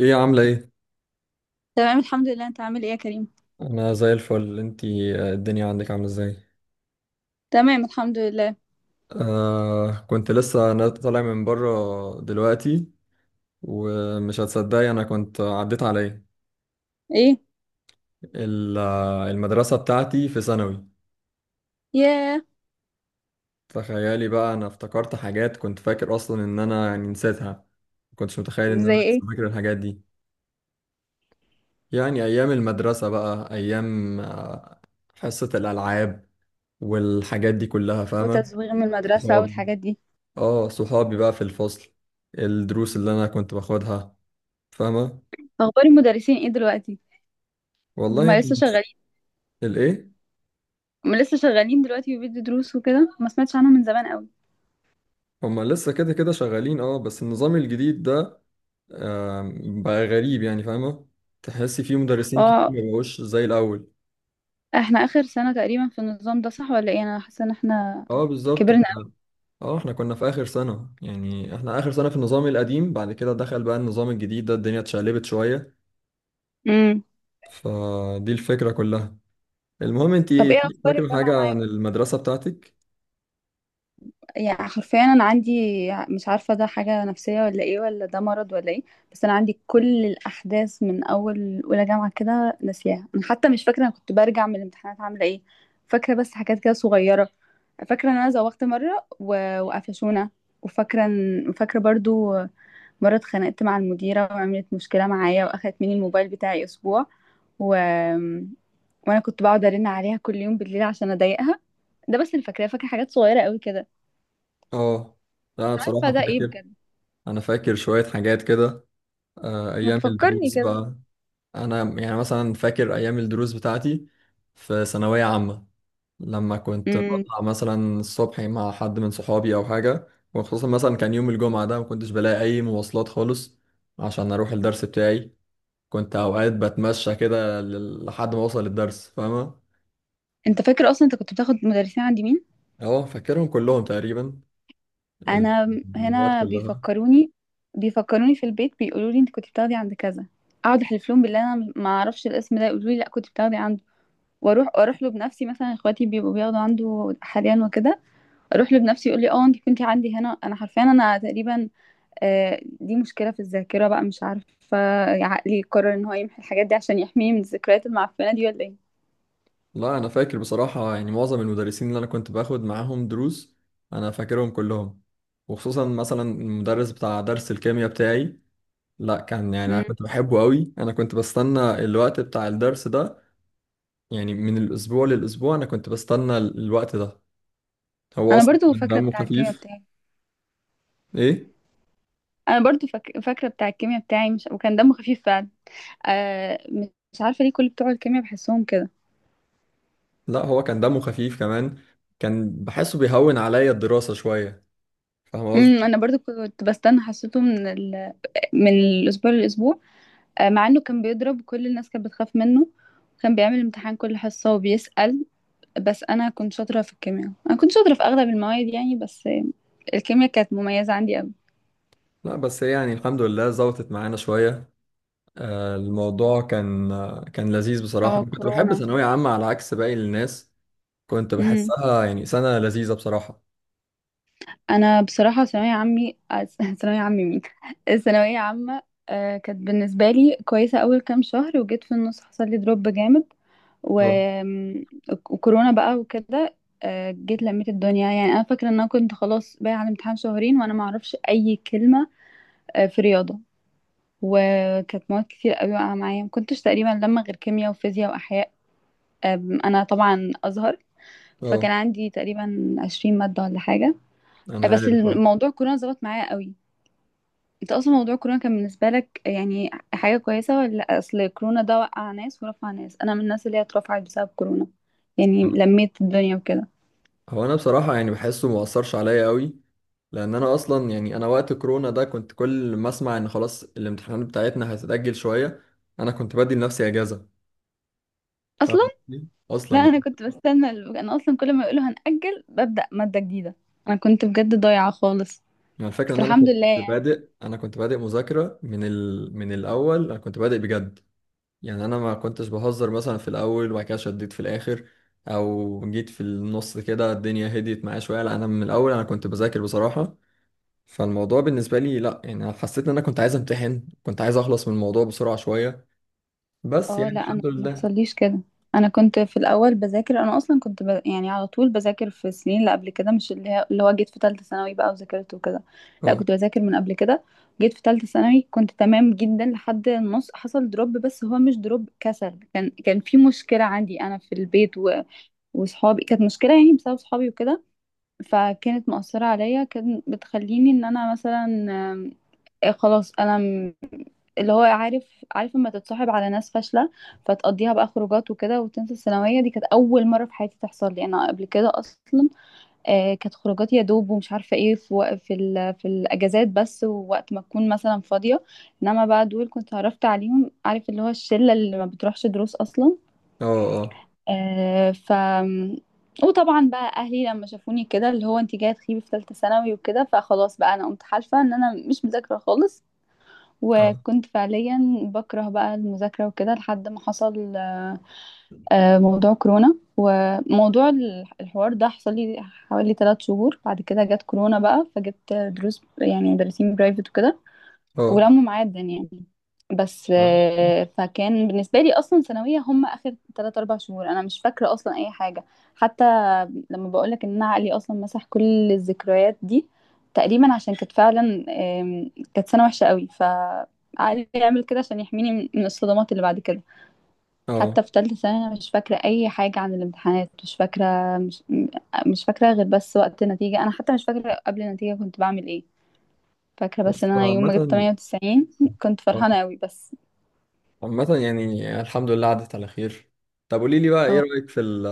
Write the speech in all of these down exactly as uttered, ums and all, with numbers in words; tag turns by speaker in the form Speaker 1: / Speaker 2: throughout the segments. Speaker 1: ايه عاملة ايه؟
Speaker 2: تمام، الحمد لله. انت عامل ايه يا كريم؟
Speaker 1: انا زي الفل. انتي آه، الدنيا عندك عاملة ازاي؟
Speaker 2: تمام، الحمد لله.
Speaker 1: آه، كنت لسه انا طالع من بره دلوقتي. ومش هتصدقي، انا كنت عديت على ايه؟
Speaker 2: ايه.
Speaker 1: ال- آه، المدرسة بتاعتي في ثانوي.
Speaker 2: ياه.
Speaker 1: تخيلي بقى، انا افتكرت حاجات كنت فاكر اصلا ان انا يعني نسيتها. ما كنتش متخيل ان انا
Speaker 2: زي
Speaker 1: لسه
Speaker 2: ايه؟
Speaker 1: فاكر الحاجات دي. يعني ايام المدرسة بقى، ايام آه، حصة الالعاب والحاجات دي كلها، فاهمة؟
Speaker 2: وتزويغ من المدرسة والحاجات دي.
Speaker 1: اه، صحابي بقى في الفصل، الدروس اللي انا كنت باخدها، فاهمة.
Speaker 2: اخبار المدرسين ايه دلوقتي؟
Speaker 1: والله
Speaker 2: ما لسه
Speaker 1: مش-
Speaker 2: شغالين؟
Speaker 1: الايه؟
Speaker 2: ما لسه شغالين دلوقتي وبيدي دروس وكده، ما سمعتش عنهم من زمان قوي.
Speaker 1: هما لسه كده كده شغالين، اه، بس النظام الجديد ده آم، بقى غريب، يعني فاهمة. تحسي فيه مدرسين كتير
Speaker 2: اه،
Speaker 1: مبقوش زي الاول.
Speaker 2: احنا اخر سنة تقريبا في النظام ده، صح ولا ايه؟ انا حاسة ان احنا
Speaker 1: اه بالظبط،
Speaker 2: كبرنا
Speaker 1: احنا
Speaker 2: قوي.
Speaker 1: اه احنا كنا في اخر سنة، يعني احنا اخر سنة في النظام القديم، بعد كده دخل بقى النظام الجديد ده، الدنيا اتشقلبت شوية.
Speaker 2: امم.
Speaker 1: فدي الفكرة كلها. المهم انت
Speaker 2: طب ايه
Speaker 1: ايه، في-
Speaker 2: اخبار
Speaker 1: فاكرة
Speaker 2: الجامعة
Speaker 1: حاجة
Speaker 2: معاك؟
Speaker 1: عن المدرسة بتاعتك؟
Speaker 2: يعني حرفيا انا عندي، مش عارفه ده حاجه نفسيه ولا ايه ولا ده مرض ولا ايه، بس انا عندي كل الاحداث من اول اولى جامعه كده ناسياها. انا حتى مش فاكره انا كنت برجع من الامتحانات عامله ايه. فاكره بس حاجات كده صغيره. فاكره ان انا زوغت مره و- وقفشونا، وفاكره ان فاكره برضو مره اتخانقت مع المديره وعملت مشكله معايا واخدت مني الموبايل بتاعي اسبوع، و... وانا كنت بقعد ارن عليها كل يوم بالليل عشان اضايقها. ده بس اللي فاكراه، فاكره حاجات صغيره قوي كده.
Speaker 1: اه. لا
Speaker 2: مش
Speaker 1: انا
Speaker 2: عارفه
Speaker 1: بصراحة
Speaker 2: ده ايه
Speaker 1: فاكر،
Speaker 2: بجد.
Speaker 1: انا فاكر شوية حاجات كده. آه،
Speaker 2: ما
Speaker 1: ايام
Speaker 2: تفكرني
Speaker 1: الدروس
Speaker 2: كده.
Speaker 1: بقى، انا يعني مثلا فاكر ايام الدروس بتاعتي في ثانوية عامة. لما كنت
Speaker 2: امم.
Speaker 1: بطلع مثلا الصبح مع حد من صحابي او حاجة، وخصوصا مثلا كان يوم الجمعة ده، ما كنتش بلاقي اي مواصلات خالص عشان اروح الدرس بتاعي. كنت اوقات بتمشى كده لل- لحد ما اوصل الدرس، فاهمة.
Speaker 2: انت فاكر اصلا انت كنت بتاخد مدرسين عند مين؟
Speaker 1: اهو فاكرهم كلهم تقريبا، ال-
Speaker 2: انا
Speaker 1: المواد
Speaker 2: هنا
Speaker 1: كلها.
Speaker 2: بيفكروني بيفكروني في البيت، بيقولوا لي انت كنت بتاخدي عند كذا. اقعد احلف لهم بالله انا ما اعرفش الاسم ده، يقولوا لي لا كنت بتاخدي عنده. واروح اروح له بنفسي، مثلا اخواتي بيبقوا بياخدوا عنده حاليا وكده، اروح له بنفسي يقول لي اه انت كنتي عندي هنا. انا حرفيا انا تقريبا، آه، دي مشكله في الذاكره بقى، مش عارفه. عقلي قرر ان هو يمحي الحاجات دي عشان يحميني من الذكريات المعفنه دي ولا ايه.
Speaker 1: لا انا فاكر بصراحه، يعني معظم المدرسين اللي انا كنت باخد معاهم دروس، انا فاكرهم كلهم. وخصوصا مثلا المدرس بتاع درس الكيمياء بتاعي، لا كان يعني انا
Speaker 2: امم.
Speaker 1: كنت بحبه قوي. انا كنت بستنى الوقت بتاع الدرس ده، يعني من الاسبوع للاسبوع انا كنت بستنى ال- الوقت ده. هو
Speaker 2: انا
Speaker 1: اصلا
Speaker 2: برضو
Speaker 1: كان
Speaker 2: فاكره
Speaker 1: دمه
Speaker 2: بتاع الكيمياء
Speaker 1: خفيف.
Speaker 2: بتاعي.
Speaker 1: ايه.
Speaker 2: انا برضو فاك... فاكره بتاع الكيمياء بتاعي مش... وكان دمه خفيف فعلا. آه. مش عارفه ليه كل بتوع الكيمياء بحسهم كده.
Speaker 1: لا هو كان دمه خفيف كمان، كان بحسه بيهون عليا الدراسه شويه، فاهم
Speaker 2: امم.
Speaker 1: قصدي.
Speaker 2: انا برضو كنت بستنى حصته من ال... من الاسبوع للاسبوع. آه، مع انه كان بيضرب وكل الناس كانت بتخاف منه، وكان بيعمل امتحان كل حصه وبيسأل. بس انا كنت شاطره في الكيمياء، انا كنت شاطره في اغلب المواد يعني، بس آه، الكيمياء كانت مميزه عندي قوي.
Speaker 1: لا بس هي يعني الحمد لله ظبطت معانا شويه. آه، الموضوع كان آه، كان لذيذ بصراحة.
Speaker 2: اه،
Speaker 1: أنا كنت بحب
Speaker 2: كورونا.
Speaker 1: ثانوية عامة على عكس باقي الناس، كنت بحسها يعني سنة لذيذة بصراحة.
Speaker 2: انا بصراحه ثانويه عمي، ثانويه عمي مين الثانويه عامه. آه، كانت بالنسبه لي كويسه اول كام شهر، وجيت في النص حصل لي دروب جامد، و...
Speaker 1: اه.
Speaker 2: وكورونا بقى وكده. آه، جيت لميت الدنيا. يعني انا فاكره ان انا كنت خلاص باقي على الامتحان شهرين وانا ما اعرفش اي كلمه، آه، في رياضه. وكانت مواد كتير قوي واقعه معايا، ما كنتش تقريبا لما غير كيمياء وفيزياء واحياء. آم، انا طبعا ازهر، فكان
Speaker 1: اه.
Speaker 2: عندي تقريبا عشرين ماده ولا حاجه.
Speaker 1: أنا
Speaker 2: بس
Speaker 1: عارف، اه.
Speaker 2: الموضوع كورونا ظبط معايا قوي. انت اصلا موضوع كورونا كان بالنسبه لك يعني حاجه كويسه؟ ولا اصل كورونا ده وقع ناس ورفع ناس؟ انا من الناس اللي هي اترفعت بسبب كورونا، يعني لميت الدنيا وكده.
Speaker 1: هو أنا بصراحة يعني بحسه مؤثرش عليا قوي، لأن أنا أصلا يعني أنا وقت كورونا ده كنت كل ما أسمع إن خلاص الامتحانات بتاعتنا هتتأجل شوية، أنا كنت بدي لنفسي أجازة. فاهم
Speaker 2: اصلا.
Speaker 1: قصدي؟ أصلا
Speaker 2: لا، انا
Speaker 1: يعني،
Speaker 2: كنت بستنى ال- انا اصلا كل ما يقولوا هنأجل ببدأ ماده جديده. انا كنت بجد ضايعه خالص،
Speaker 1: يعني الفكرة
Speaker 2: بس
Speaker 1: إن أنا
Speaker 2: الحمد
Speaker 1: كنت
Speaker 2: لله.
Speaker 1: بادئ، أنا كنت بادئ مذاكرة من ال... من الأول. أنا كنت بادئ بجد، يعني انا ما كنتش بهزر مثلا في الاول وبعد كده شديت في الاخر، او جيت في النص كده الدنيا هديت معايا شويه. لا انا من الاول انا كنت بذاكر بصراحه. فالموضوع بالنسبه لي لا، يعني انا حسيت ان انا كنت عايز امتحن، كنت عايز اخلص من الموضوع بسرعه شويه. بس
Speaker 2: اه،
Speaker 1: يعني
Speaker 2: لا انا
Speaker 1: الحمد
Speaker 2: ما
Speaker 1: لله.
Speaker 2: حصليش كده. انا كنت في الاول بذاكر، انا اصلا كنت ب... يعني على طول بذاكر في السنين اللي قبل كده، مش اللي هي... اللي هو جيت في ثالثه ثانوي بقى وذاكرت وكده. لا
Speaker 1: اه.
Speaker 2: كنت بذاكر من قبل كده. جيت في ثالثه ثانوي كنت تمام جدا لحد النص، حصل دروب، بس هو مش دروب كسل، كان كان في مشكله عندي انا في البيت، و... وصحابي كانت مشكله يعني، بسبب صحابي وكده، فكانت مؤثره عليا، كانت بتخليني ان انا مثلا، آم، آه، خلاص انا، اللي هو عارف عارف لما تتصاحب على ناس فاشلة، فتقضيها بقى خروجات وكده وتنسى الثانوية. دي كانت أول مرة في حياتي تحصل لي، أنا قبل كده أصلا آه كانت خروجات يا دوب ومش عارفة إيه في وق- في, ال- في الأجازات بس، ووقت ما تكون مثلا فاضية. إنما بقى دول كنت عرفت عليهم، عارف اللي هو الشلة اللي ما بتروحش دروس أصلا.
Speaker 1: اه. اه.
Speaker 2: آه ف وطبعا بقى اهلي لما شافوني كده، اللي هو انت جايه تخيبي في ثالثه ثانوي وكده، فخلاص بقى انا قمت حالفه ان انا مش مذاكره خالص،
Speaker 1: اه.
Speaker 2: وكنت فعليا بكره بقى المذاكرة وكده لحد ما حصل آه، موضوع كورونا. وموضوع ال- الحوار ده حصل لي حوالي ثلاث شهور، بعد كده جت كورونا بقى فجبت دروس يعني مدرسين برايفت وكده،
Speaker 1: اه.
Speaker 2: ولموا معايا الدنيا. بس
Speaker 1: اه.
Speaker 2: آه، فكان بالنسبة لي أصلا ثانوية هم آخر تلات أربع شهور أنا مش فاكرة أصلا أي حاجة. حتى لما بقولك إن أنا عقلي أصلا مسح كل الذكريات دي تقريبا، عشان كانت فعلا، آم، كانت سنة وحشة قوي، فعقلي يعمل كده عشان يحميني من من الصدمات اللي بعد كده.
Speaker 1: آه.
Speaker 2: حتى في تالتة سنة أنا مش فاكرة أي حاجة عن الامتحانات، مش فاكرة، مش م- مش فاكرة غير بس وقت النتيجة. أنا حتى مش فاكرة قبل النتيجة كنت بعمل إيه، فاكرة بس
Speaker 1: بس
Speaker 2: إن أنا يوم ما جبت
Speaker 1: عامه،
Speaker 2: تمانية وتسعين كنت
Speaker 1: آه،
Speaker 2: فرحانة قوي بس.
Speaker 1: عامه يعني الحمد لله عدت على خير. طب قولي لي بقى، ايه رايك في ال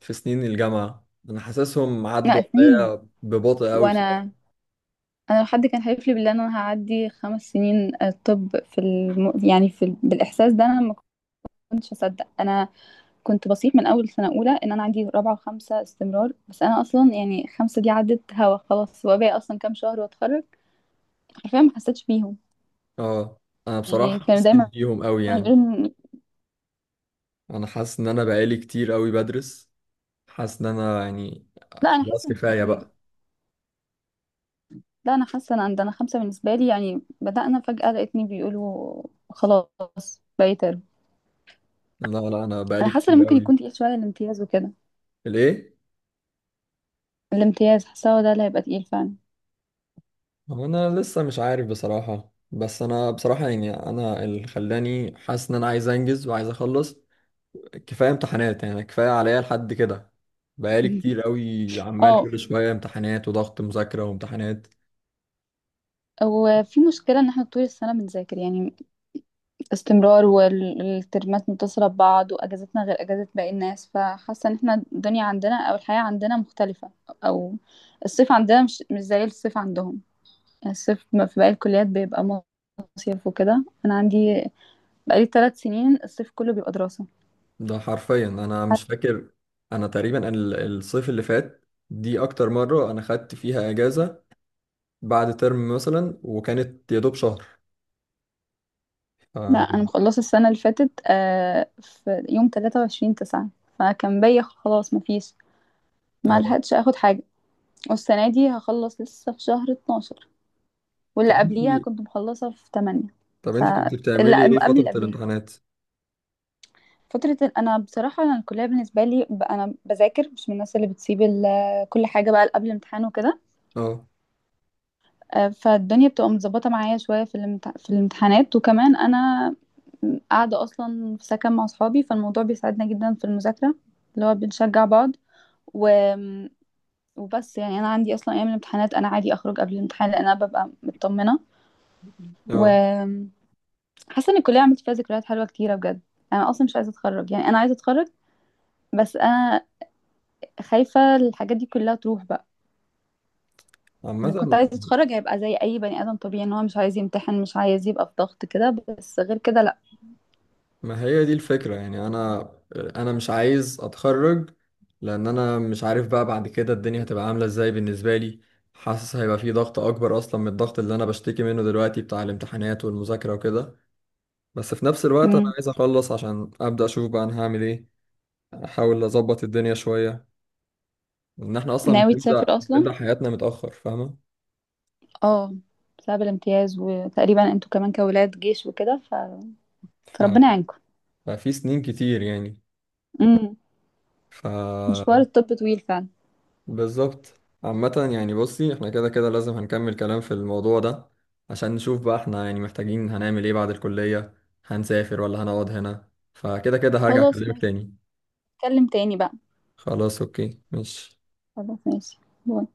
Speaker 1: في سنين الجامعه؟ انا حاسسهم عدوا
Speaker 2: لا، سنين،
Speaker 1: عليا ببطء قوي.
Speaker 2: وانا انا لو حد كان حلف لي بالله ان انا هعدي خمس سنين، آه، طب في الم... يعني في ال... بالاحساس ده انا ما كنتش اصدق. انا كنت بصيح من اول سنه اولى ان انا عندي رابعه وخمسه استمرار، بس انا اصلا يعني خمسه دي عدت هوا خلاص، وباقي اصلا كام شهر واتخرج. حرفيا ما حسيتش بيهم.
Speaker 1: اه. انا
Speaker 2: يعني
Speaker 1: بصراحه
Speaker 2: كانوا
Speaker 1: حسيت
Speaker 2: دايما
Speaker 1: بيهم قوي يعني،
Speaker 2: يقولوا إن-
Speaker 1: انا حاسس ان انا بقالي كتير قوي بدرس. حاسس ان انا يعني
Speaker 2: لا انا
Speaker 1: خلاص
Speaker 2: حاسه مش
Speaker 1: كفايه
Speaker 2: كتير.
Speaker 1: بقى.
Speaker 2: لا انا حاسه ان عندنا خمسه بالنسبه لي يعني، بدأنا فجأة لقيتني بيقولوا خلاص بقيت ترم.
Speaker 1: لا لا انا
Speaker 2: انا
Speaker 1: بقالي
Speaker 2: حاسه ان
Speaker 1: كتير
Speaker 2: ممكن
Speaker 1: قوي.
Speaker 2: يكون تقيل شويه الامتياز وكده.
Speaker 1: ليه؟
Speaker 2: الامتياز حاسه ده اللي هيبقى تقيل فعلا.
Speaker 1: هو انا لسه مش عارف بصراحه، بس انا بصراحه يعني انا اللي خلاني حاسس ان انا عايز انجز وعايز اخلص. كفايه امتحانات، يعني كفايه عليا لحد كده. بقالي كتير قوي عمال
Speaker 2: اه.
Speaker 1: كل شويه امتحانات وضغط مذاكره وامتحانات.
Speaker 2: وفي مشكلة ان احنا طول السنة بنذاكر يعني، استمرار والترمات متصلة ببعض، واجازتنا غير اجازة باقي الناس، فحاسة ان احنا الدنيا عندنا او الحياة عندنا مختلفة، او الصيف عندنا مش مش زي الصيف عندهم. يعني الصيف ما- في باقي الكليات بيبقى مصيف وكده، انا عندي بقالي ثلاث سنين الصيف كله بيبقى دراسة.
Speaker 1: ده حرفيا انا مش فاكر. انا تقريبا ال- الصيف اللي فات، دي اكتر مرة انا خدت فيها اجازة بعد ترم مثلا، وكانت يا دوب شهر. ف-
Speaker 2: لا انا
Speaker 1: يعني
Speaker 2: مخلصة السنة اللي فاتت آه، في يوم تلاتة وعشرين تسعة، فكان بيا خلاص مفيش، ما
Speaker 1: اه.
Speaker 2: لحقتش اخد حاجه. والسنه دي هخلص لسه في شهر اتناشر،
Speaker 1: طب
Speaker 2: واللي
Speaker 1: انت
Speaker 2: قبليها كنت مخلصه في ثمانية.
Speaker 1: طب
Speaker 2: ف
Speaker 1: انت كنت
Speaker 2: اللي
Speaker 1: بتعملي ايه
Speaker 2: قبل
Speaker 1: فترة
Speaker 2: اللي قبليها
Speaker 1: الامتحانات؟
Speaker 2: فتره ال- انا بصراحه انا الكليه بالنسبه لي ب- انا بذاكر، مش من الناس اللي بتسيب ال- كل حاجه بقى قبل الامتحان وكده.
Speaker 1: اه.
Speaker 2: آه، فالدنيا بتبقى متظبطه معايا شويه في الامت- في الامتحانات، وكمان انا قاعده اصلا في سكن مع اصحابي، فالموضوع بيساعدنا جدا في المذاكره، اللي هو بنشجع بعض. و وبس يعني انا عندي اصلا ايام الامتحانات انا عادي اخرج قبل الامتحان، لان انا ببقى مطمنه
Speaker 1: اه.
Speaker 2: وحاسه ان الكليه عملت فيها ذكريات حلوه كتيره بجد. انا اصلا مش عايزه اتخرج، يعني انا عايزه اتخرج بس انا خايفه الحاجات دي كلها تروح بقى.
Speaker 1: عامة،
Speaker 2: ان كنت عايزه اتخرج هيبقى زي اي بني ادم طبيعي، ان هو مش عايز يمتحن، مش عايز يبقى في ضغط كده، بس غير كده لا.
Speaker 1: ما هي دي الفكرة. يعني انا، انا مش عايز اتخرج، لان انا مش عارف بقى بعد كده الدنيا هتبقى عاملة ازاي بالنسبة لي. حاسس هيبقى في ضغط اكبر اصلا من الضغط اللي انا بشتكي منه دلوقتي، بتاع الامتحانات والمذاكرة وكده. بس في نفس الوقت انا
Speaker 2: مم.
Speaker 1: عايز اخلص عشان ابدا اشوف بقى انا هعمل ايه، احاول اظبط الدنيا شويه. ان احنا اصلا
Speaker 2: ناوي
Speaker 1: بنبدا
Speaker 2: تسافر اصلا؟
Speaker 1: بنبدا حياتنا متاخر، فاهمه.
Speaker 2: اه، بسبب الامتياز، وتقريبا انتوا كمان كولاد جيش وكده، ف...
Speaker 1: ف...
Speaker 2: فربنا يعينكم.
Speaker 1: ففي سنين كتير يعني.
Speaker 2: امم.
Speaker 1: ف
Speaker 2: مشوار الطب طويل فعلا.
Speaker 1: بالظبط. عامه يعني بصي، احنا كده كده لازم هنكمل كلام في الموضوع ده، عشان نشوف بقى احنا يعني محتاجين هنعمل ايه بعد الكليه، هنسافر ولا هنقعد هنا. فكده كده هرجع
Speaker 2: خلاص،
Speaker 1: اكلمك تاني.
Speaker 2: نتكلم تاني بقى.
Speaker 1: خلاص اوكي ماشي.
Speaker 2: خلاص ماشي. باي.